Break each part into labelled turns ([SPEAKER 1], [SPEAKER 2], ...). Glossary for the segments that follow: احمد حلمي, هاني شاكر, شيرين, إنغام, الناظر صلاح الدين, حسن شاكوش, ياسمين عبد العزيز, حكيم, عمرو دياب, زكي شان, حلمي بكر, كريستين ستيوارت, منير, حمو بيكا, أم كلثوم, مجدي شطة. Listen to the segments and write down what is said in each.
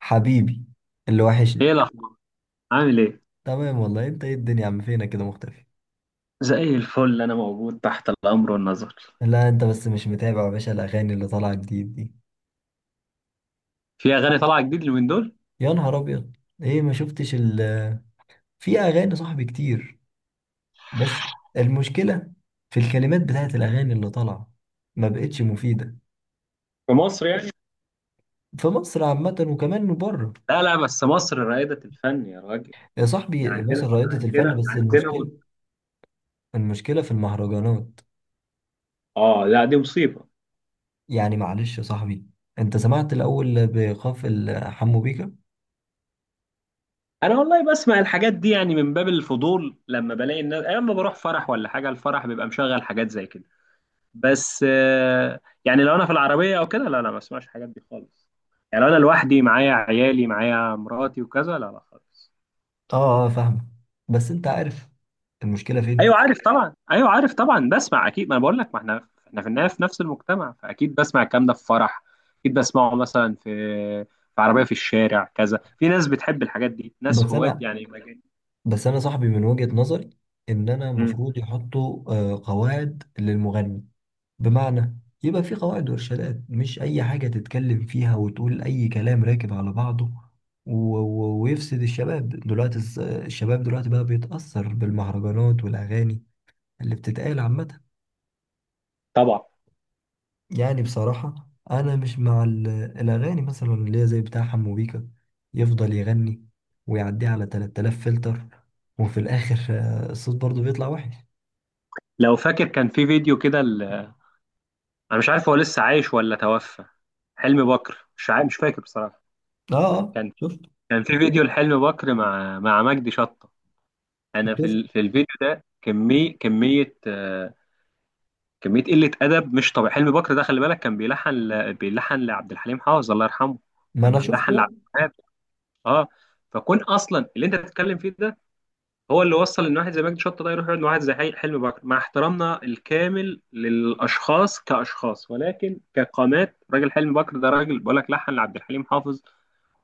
[SPEAKER 1] حبيبي اللي
[SPEAKER 2] ايه
[SPEAKER 1] وحشني.
[SPEAKER 2] الاخبار؟ عامل ايه؟
[SPEAKER 1] تمام والله، انت ايه الدنيا يا عم فينا كده مختفي.
[SPEAKER 2] زي الفل، انا موجود تحت الامر والنظر.
[SPEAKER 1] لا انت بس مش متابع يا باشا الاغاني اللي طالعه جديد دي.
[SPEAKER 2] في اغاني طالعه جديد اليومين دول؟
[SPEAKER 1] يا نهار ابيض، ايه ما شفتش ال في اغاني صاحبي كتير، بس المشكله في الكلمات بتاعت الاغاني اللي طالعه ما بقتش مفيده.
[SPEAKER 2] في مصر يعني؟
[SPEAKER 1] في مصر عامه وكمان بره.
[SPEAKER 2] لا لا، بس مصر رائدة الفن يا راجل.
[SPEAKER 1] يا
[SPEAKER 2] احنا
[SPEAKER 1] صاحبي مصر
[SPEAKER 2] عندنا
[SPEAKER 1] رائدة الفن
[SPEAKER 2] عندنا
[SPEAKER 1] بس
[SPEAKER 2] عندنا
[SPEAKER 1] المشكله
[SPEAKER 2] مت...
[SPEAKER 1] المشكله في المهرجانات.
[SPEAKER 2] اه لا، دي مصيبه.
[SPEAKER 1] يعني معلش يا صاحبي، انت سمعت الاول بخاف حمو بيكا.
[SPEAKER 2] انا والله بسمع الحاجات دي يعني من باب الفضول لما بلاقي الناس، اما بروح فرح ولا حاجه الفرح بيبقى مشغل حاجات زي كده. بس يعني لو انا في العربيه او كده، لا لا ما بسمعش الحاجات دي خالص. يعني لو انا لوحدي معايا عيالي معايا مراتي وكذا، لا لا خالص.
[SPEAKER 1] اه اه فاهمك، بس انت عارف المشكله فين.
[SPEAKER 2] ايوه عارف طبعا، ايوه عارف طبعا، بسمع اكيد، ما انا بقول لك، ما احنا في النهايه في نفس المجتمع، فاكيد بسمع الكلام ده في فرح. اكيد بسمعه مثلا في عربيه في الشارع، كذا في ناس بتحب الحاجات دي، ناس
[SPEAKER 1] بس
[SPEAKER 2] هواة
[SPEAKER 1] انا
[SPEAKER 2] يعني مجال.
[SPEAKER 1] بس انا صاحبي من وجهه نظري ان انا
[SPEAKER 2] مم.
[SPEAKER 1] المفروض يحطوا قواعد للمغني. بمعنى يبقى في قواعد وارشادات، مش اي حاجه تتكلم فيها وتقول اي كلام راكب على بعضه. و- و- ويفسد الشباب دلوقتي، الشباب دلوقتي بقى بيتاثر بالمهرجانات والاغاني اللي بتتقال عامه.
[SPEAKER 2] طبعا.
[SPEAKER 1] يعني بصراحة أنا مش مع الأغاني مثلا اللي هي زي بتاع حمو بيكا، يفضل يغني ويعديه على 3000 فلتر، وفي الآخر الصوت برضه بيطلع وحش.
[SPEAKER 2] لو فاكر كان في فيديو كده انا مش عارف هو لسه عايش ولا توفى، حلمي بكر، مش عارف، مش فاكر بصراحه.
[SPEAKER 1] آه آه
[SPEAKER 2] كان
[SPEAKER 1] شفت.
[SPEAKER 2] في فيديو لحلمي بكر مع مجدي شطه. انا في
[SPEAKER 1] شفت،
[SPEAKER 2] في الفيديو ده كميه كمية قلة أدب مش طبيعي. حلمي بكر ده، خلي بالك، كان بيلحن لعبد الحليم حافظ الله يرحمه،
[SPEAKER 1] ما
[SPEAKER 2] كان
[SPEAKER 1] أنا
[SPEAKER 2] بيلحن لعبد
[SPEAKER 1] شفته.
[SPEAKER 2] الوهاب. اه. فكون أصلا اللي أنت بتتكلم فيه ده هو اللي وصل إن واحد زي مجدي شطة ده يروح يقعد مع واحد زي حلمي بكر. مع احترامنا الكامل للأشخاص كأشخاص، ولكن كقامات، راجل حلمي بكر ده راجل بقول لك لحن لعبد الحليم حافظ،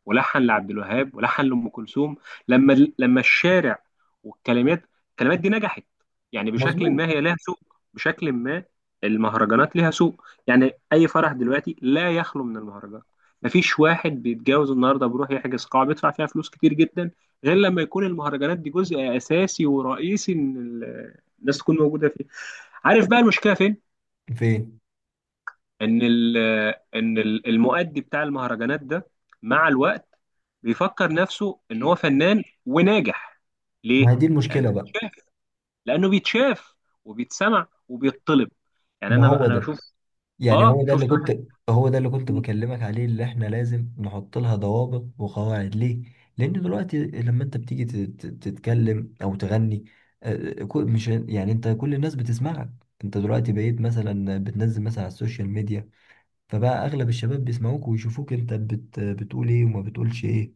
[SPEAKER 2] ولحن لعبد الوهاب، ولحن لأم كلثوم. لما الشارع والكلمات، الكلمات دي نجحت، يعني بشكل
[SPEAKER 1] مظبوط.
[SPEAKER 2] ما هي لها سوق. بشكل ما المهرجانات لها سوق، يعني أي فرح دلوقتي لا يخلو من المهرجان. مفيش واحد بيتجوز النهارده بيروح يحجز قاعة بيدفع فيها فلوس كتير جدا غير لما يكون المهرجانات دي جزء أساسي ورئيسي إن الناس تكون موجودة فيه. عارف بقى المشكلة فين؟
[SPEAKER 1] فين؟
[SPEAKER 2] ان ال ان المؤدي بتاع المهرجانات ده مع الوقت بيفكر نفسه ان هو فنان وناجح. ليه؟
[SPEAKER 1] ما هي دي
[SPEAKER 2] لانه
[SPEAKER 1] المشكلة بقى.
[SPEAKER 2] بيتشاف، لانه بيتشاف وبيتسمع وبيطلب. يعني
[SPEAKER 1] ما
[SPEAKER 2] انا
[SPEAKER 1] هو
[SPEAKER 2] انا
[SPEAKER 1] ده،
[SPEAKER 2] بشوف،
[SPEAKER 1] يعني
[SPEAKER 2] اه،
[SPEAKER 1] هو ده اللي
[SPEAKER 2] شفت
[SPEAKER 1] كنت
[SPEAKER 2] واحد.
[SPEAKER 1] هو ده اللي كنت بكلمك عليه، اللي احنا لازم نحط لها ضوابط وقواعد. ليه؟ لأن دلوقتي لما انت بتيجي تتكلم أو تغني، مش يعني انت كل الناس بتسمعك. انت دلوقتي بقيت مثلا بتنزل مثلا على السوشيال ميديا، فبقى أغلب الشباب بيسمعوك ويشوفوك، انت بتقول ايه وما بتقولش ايه،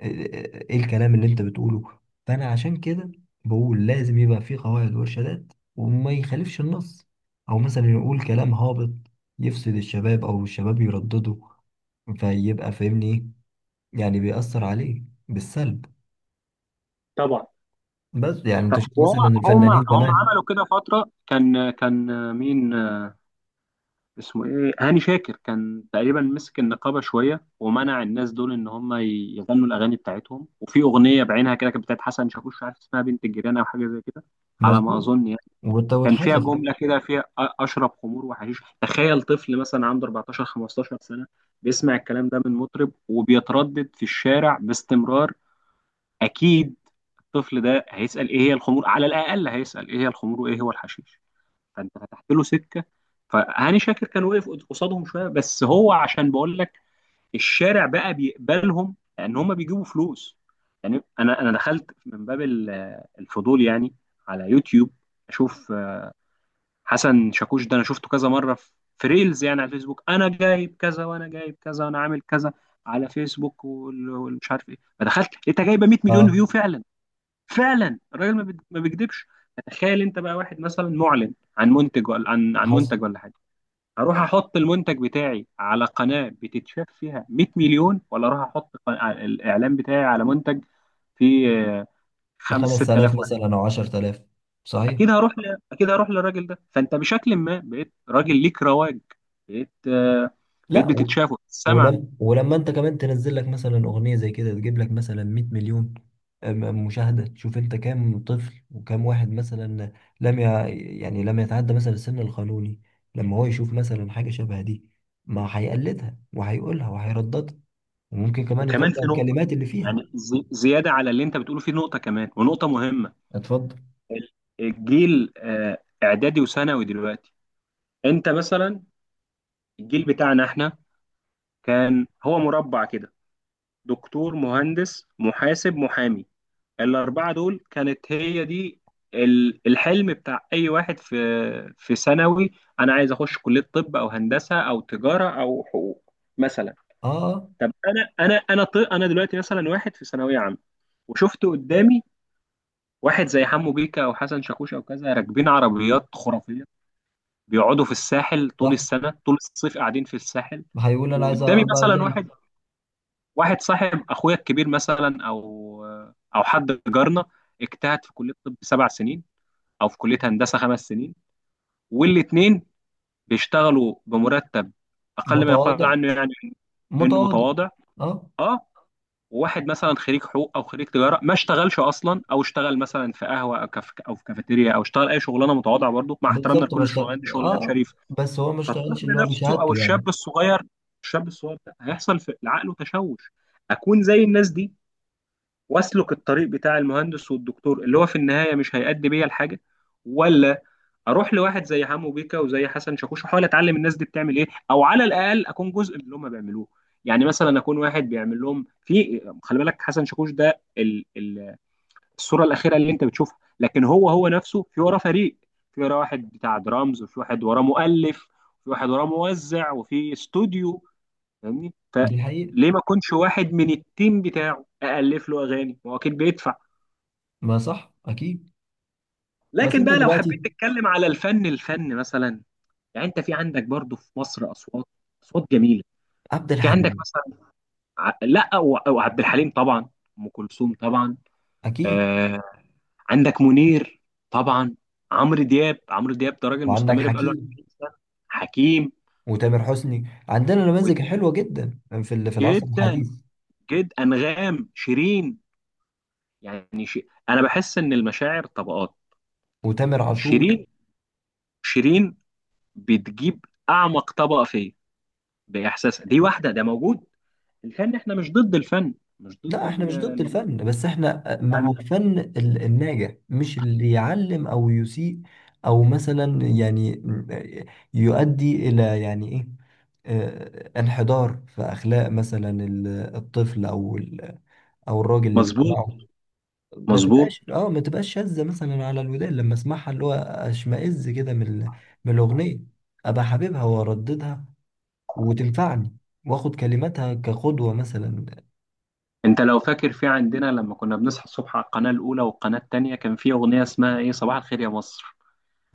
[SPEAKER 1] ايه الكلام اللي انت بتقوله. فانا عشان كده بقول لازم يبقى في قواعد وارشادات، وما يخالفش النص، او مثلا يقول كلام هابط يفسد الشباب او الشباب يردده. فيبقى فاهمني ايه، يعني بيأثر عليه بالسلب.
[SPEAKER 2] طبعا.
[SPEAKER 1] بس يعني انت
[SPEAKER 2] طب
[SPEAKER 1] شفت
[SPEAKER 2] هو
[SPEAKER 1] مثلا
[SPEAKER 2] هم
[SPEAKER 1] الفنانين
[SPEAKER 2] هم
[SPEAKER 1] زمان.
[SPEAKER 2] عملوا كده فتره. كان مين اسمه ايه، هاني شاكر، كان تقريبا مسك النقابه شويه ومنع الناس دول ان هم يغنوا الاغاني بتاعتهم. وفي اغنيه بعينها كده كانت بتاعت حسن شاكوش، مش عارف اسمها، بنت الجيران او حاجه زي كده على ما
[SPEAKER 1] مظبوط.
[SPEAKER 2] اظن يعني. كان فيها
[SPEAKER 1] واتحذف.
[SPEAKER 2] جمله كده فيها اشرب خمور وحشيش. تخيل طفل مثلا عنده 14 15 سنه بيسمع الكلام ده من مطرب وبيتردد في الشارع باستمرار. اكيد الطفل ده هيسال ايه هي الخمور، على الاقل هيسال ايه هي الخمور وايه هو الحشيش. فانت فتحت له سكه. فهاني شاكر كان واقف قصادهم شويه بس، هو عشان بقول لك الشارع بقى بيقبلهم لان هم بيجيبوا فلوس. يعني انا دخلت من باب الفضول يعني على يوتيوب اشوف. حسن شاكوش ده انا شفته كذا مره في ريلز يعني على الفيسبوك، انا جايب كذا وانا جايب كذا وانا عامل كذا على فيسبوك والمش عارف ايه. فدخلت لقيتها جايبه 100 مليون فيو
[SPEAKER 1] اه
[SPEAKER 2] فعلا. فعلا الراجل ما بيكذبش. تخيل انت بقى واحد مثلا معلن عن منتج، ولا عن
[SPEAKER 1] حصل.
[SPEAKER 2] منتج ولا حاجه، هروح احط المنتج بتاعي على قناه بتتشاف فيها 100 مليون، ولا اروح احط الاعلان بتاعي على منتج فيه آه، 5
[SPEAKER 1] 5000
[SPEAKER 2] 6000 واحد؟
[SPEAKER 1] مثلا او 10000. صحيح.
[SPEAKER 2] اكيد اكيد هروح للراجل ده. فانت بشكل ما بقيت راجل ليك رواج، بقيت آه، بقيت
[SPEAKER 1] لا و...
[SPEAKER 2] بتتشاف وتتسمع.
[SPEAKER 1] ولم... ولما انت كمان تنزل لك مثلا اغنيه زي كده تجيب لك مثلا 100 مليون مشاهده، تشوف انت كام طفل وكام واحد مثلا لم ي... يعني لم يتعدى مثلا السن القانوني، لما هو يشوف مثلا حاجه شبه دي ما هيقلدها وهيقولها وهيرددها، وممكن كمان
[SPEAKER 2] وكمان
[SPEAKER 1] يطبق
[SPEAKER 2] في نقطه،
[SPEAKER 1] الكلمات اللي فيها.
[SPEAKER 2] يعني زياده على اللي انت بتقوله، في نقطه كمان ونقطه مهمه.
[SPEAKER 1] اتفضل.
[SPEAKER 2] الجيل اعدادي وثانوي دلوقتي، انت مثلا الجيل بتاعنا احنا كان هو مربع كده: دكتور، مهندس، محاسب، محامي. الاربعه دول كانت هي دي الحلم بتاع اي واحد في ثانوي. انا عايز اخش كليه طب او هندسه او تجاره او حقوق مثلا.
[SPEAKER 1] اه آه،
[SPEAKER 2] طب انا انا دلوقتي مثلا واحد في ثانويه عامه، وشفت قدامي واحد زي حمو بيكا او حسن شاكوش او كذا راكبين عربيات خرافيه، بيقعدوا في الساحل طول
[SPEAKER 1] صح.
[SPEAKER 2] السنة، طول الصيف قاعدين في الساحل.
[SPEAKER 1] هيقول انا عايز
[SPEAKER 2] وقدامي
[SPEAKER 1] ابقى
[SPEAKER 2] مثلا
[SPEAKER 1] زي.
[SPEAKER 2] واحد صاحب اخويا الكبير مثلا، او او حد جارنا، اجتهد في كلية طب سبع سنين، او في كلية هندسة خمس سنين، والاتنين بيشتغلوا بمرتب اقل ما يقال
[SPEAKER 1] متواضع،
[SPEAKER 2] عنه يعني انه
[SPEAKER 1] متواضع.
[SPEAKER 2] متواضع.
[SPEAKER 1] اه،
[SPEAKER 2] اه. وواحد مثلا خريج حقوق او خريج تجاره ما اشتغلش اصلا، او اشتغل مثلا في قهوه او كاف او في كافيتيريا، او اشتغل اي شغلانه متواضعه برضه، مع احترامنا
[SPEAKER 1] بالظبط ما
[SPEAKER 2] لكل
[SPEAKER 1] اشتغل
[SPEAKER 2] الشغلانات، دي شغلانات شريفه.
[SPEAKER 1] بس هو ما اشتغلش
[SPEAKER 2] فالطفل
[SPEAKER 1] اللي هو
[SPEAKER 2] نفسه او
[SPEAKER 1] بشهادته يعني.
[SPEAKER 2] الشاب الصغير، الشاب الصغير ده هيحصل في عقله تشوش: اكون زي الناس دي واسلك الطريق بتاع المهندس والدكتور اللي هو في النهايه مش هيأدي بيا لحاجه، ولا اروح لواحد زي حمو بيكا وزي حسن شاكوش واحاول اتعلم الناس دي بتعمل ايه، او على الاقل اكون جزء من اللي هم بيعملوه؟ يعني مثلا اكون واحد بيعمل لهم. في، خلي بالك، حسن شاكوش ده ال الصوره الاخيره اللي انت بتشوفها، لكن هو نفسه في وراه فريق، في وراه واحد بتاع درامز، وفي واحد وراه مؤلف، وفي واحد وراه موزع، وفي استوديو. فاهمني؟
[SPEAKER 1] دي حقيقة،
[SPEAKER 2] فليه ما يكونش واحد من التيم بتاعه الف له اغاني؟ هو اكيد بيدفع.
[SPEAKER 1] ما صح اكيد. بس
[SPEAKER 2] لكن
[SPEAKER 1] انت
[SPEAKER 2] بقى لو حبيت
[SPEAKER 1] دلوقتي.
[SPEAKER 2] تتكلم على الفن، الفن مثلا يعني، انت في عندك برضو في مصر اصوات، اصوات جميله.
[SPEAKER 1] عبد
[SPEAKER 2] في عندك
[SPEAKER 1] الحليم.
[SPEAKER 2] مثلا لا وعبد الحليم طبعا، ام كلثوم طبعا.
[SPEAKER 1] اكيد.
[SPEAKER 2] آه، عندك منير طبعا، عمرو دياب. ده راجل
[SPEAKER 1] وعندك
[SPEAKER 2] مستمر بقاله
[SPEAKER 1] حكيم
[SPEAKER 2] 40 سنه. حكيم
[SPEAKER 1] وتامر حسني، عندنا نماذج
[SPEAKER 2] وتاب.
[SPEAKER 1] حلوه جدا في في العصر
[SPEAKER 2] جدا
[SPEAKER 1] الحديث.
[SPEAKER 2] جدا انغام شيرين يعني انا بحس ان المشاعر طبقات.
[SPEAKER 1] وتامر عاشور.
[SPEAKER 2] شيرين، شيرين بتجيب اعمق طبقه فيا باحساسها دي، واحده ده موجود. الفن، احنا مش ضد الفن، مش ضد
[SPEAKER 1] لا احنا مش ضد
[SPEAKER 2] الغنى
[SPEAKER 1] الفن، بس احنا مع
[SPEAKER 2] يعني.
[SPEAKER 1] الفن الناجح، مش اللي يعلم او يسيء، او مثلا يعني يؤدي الى يعني ايه، انحدار في اخلاق مثلا الطفل او او الراجل اللي
[SPEAKER 2] مظبوط،
[SPEAKER 1] بيسمعه.
[SPEAKER 2] مظبوط.
[SPEAKER 1] ما تبقاش شاذة مثلا على الودان، لما اسمعها اللي هو اشمئز كده من من الاغنية. ابقى حبيبها وارددها وتنفعني واخد كلماتها كقدوة مثلا.
[SPEAKER 2] انت لو فاكر، في عندنا لما كنا بنصحى الصبح على القناه الاولى والقناه الثانيه كان في اغنيه اسمها ايه، صباح الخير يا مصر.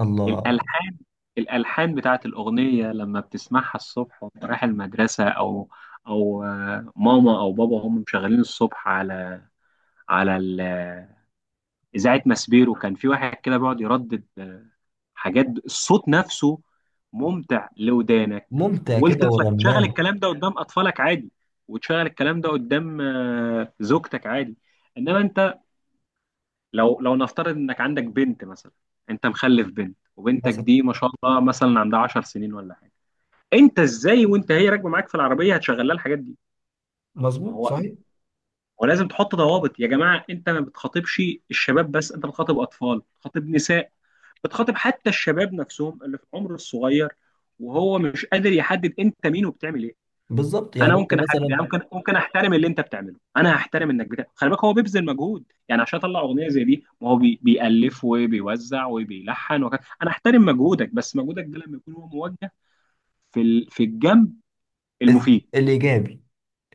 [SPEAKER 1] الله.
[SPEAKER 2] الألحان، الألحان بتاعت الأغنية لما بتسمعها الصبح وأنت رايح المدرسة أو، أو ماما أو بابا هم مشغلين الصبح على على ال- آه، إذاعة ماسبيرو، كان في واحد كده بيقعد يردد حاجات، الصوت نفسه ممتع لودانك.
[SPEAKER 1] ممتع كده
[SPEAKER 2] ولطفلك تشغل
[SPEAKER 1] ورنان
[SPEAKER 2] الكلام ده قدام أطفالك عادي، وتشغل الكلام ده قدام زوجتك عادي. إنما أنت لو نفترض إنك عندك بنت مثلا. أنت مخلف بنت، وبنتك
[SPEAKER 1] مثلا.
[SPEAKER 2] دي ما شاء الله مثلا عندها 10 سنين ولا حاجة، انت ازاي وانت هي راكبه معاك في العربيه هتشغل لها الحاجات دي؟ ما
[SPEAKER 1] مظبوط
[SPEAKER 2] هو ما
[SPEAKER 1] صحيح.
[SPEAKER 2] هو لازم تحط ضوابط يا جماعه. انت ما بتخاطبش الشباب بس، انت بتخاطب اطفال، بتخاطب نساء، بتخاطب حتى الشباب نفسهم اللي في العمر الصغير، وهو مش قادر يحدد انت مين وبتعمل ايه.
[SPEAKER 1] بالظبط
[SPEAKER 2] انا
[SPEAKER 1] يعني انت
[SPEAKER 2] ممكن احدد يعني،
[SPEAKER 1] مثلا
[SPEAKER 2] ممكن احترم اللي انت بتعمله. انا هحترم انك بتعمل، خلي بالك، هو بيبذل مجهود يعني عشان اطلع اغنيه زي دي، ما هو بيالف وبيوزع وبيلحن وكذا، انا احترم مجهودك، بس مجهودك ده لما يكون هو موجه في في الجنب المفيد.
[SPEAKER 1] الايجابي،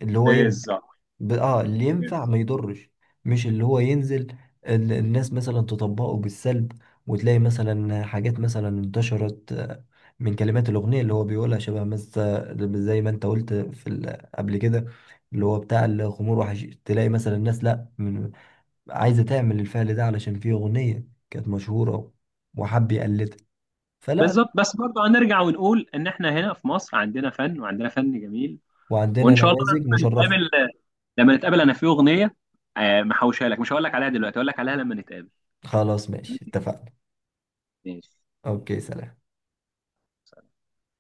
[SPEAKER 1] اللي هو
[SPEAKER 2] بالظبط،
[SPEAKER 1] ب... اه اللي ينفع ما
[SPEAKER 2] بالظبط،
[SPEAKER 1] يضرش، مش اللي هو ينزل الناس مثلا تطبقه بالسلب. وتلاقي مثلا حاجات مثلا انتشرت، من كلمات الأغنية اللي هو بيقولها، شبه مثلا زي ما انت قلت في قبل كده، اللي هو بتاع الخمور وحش، تلاقي مثلا الناس لا من... عايزة تعمل الفعل ده علشان في أغنية كانت مشهورة وحب يقلدها، فلا لا.
[SPEAKER 2] بالظبط. بس برضه هنرجع ونقول ان احنا هنا في مصر عندنا فن وعندنا فن جميل،
[SPEAKER 1] وعندنا
[SPEAKER 2] وان شاء الله
[SPEAKER 1] نماذج
[SPEAKER 2] لما
[SPEAKER 1] مشرفة.
[SPEAKER 2] نتقابل. انا في اغنيه محوشها لك، مش هقول لك عليها دلوقتي، هقول لك عليها لما نتقابل.
[SPEAKER 1] خلاص ماشي،
[SPEAKER 2] ماشي،
[SPEAKER 1] اتفقنا.
[SPEAKER 2] ماشي، ماشي.
[SPEAKER 1] اوكي، سلام.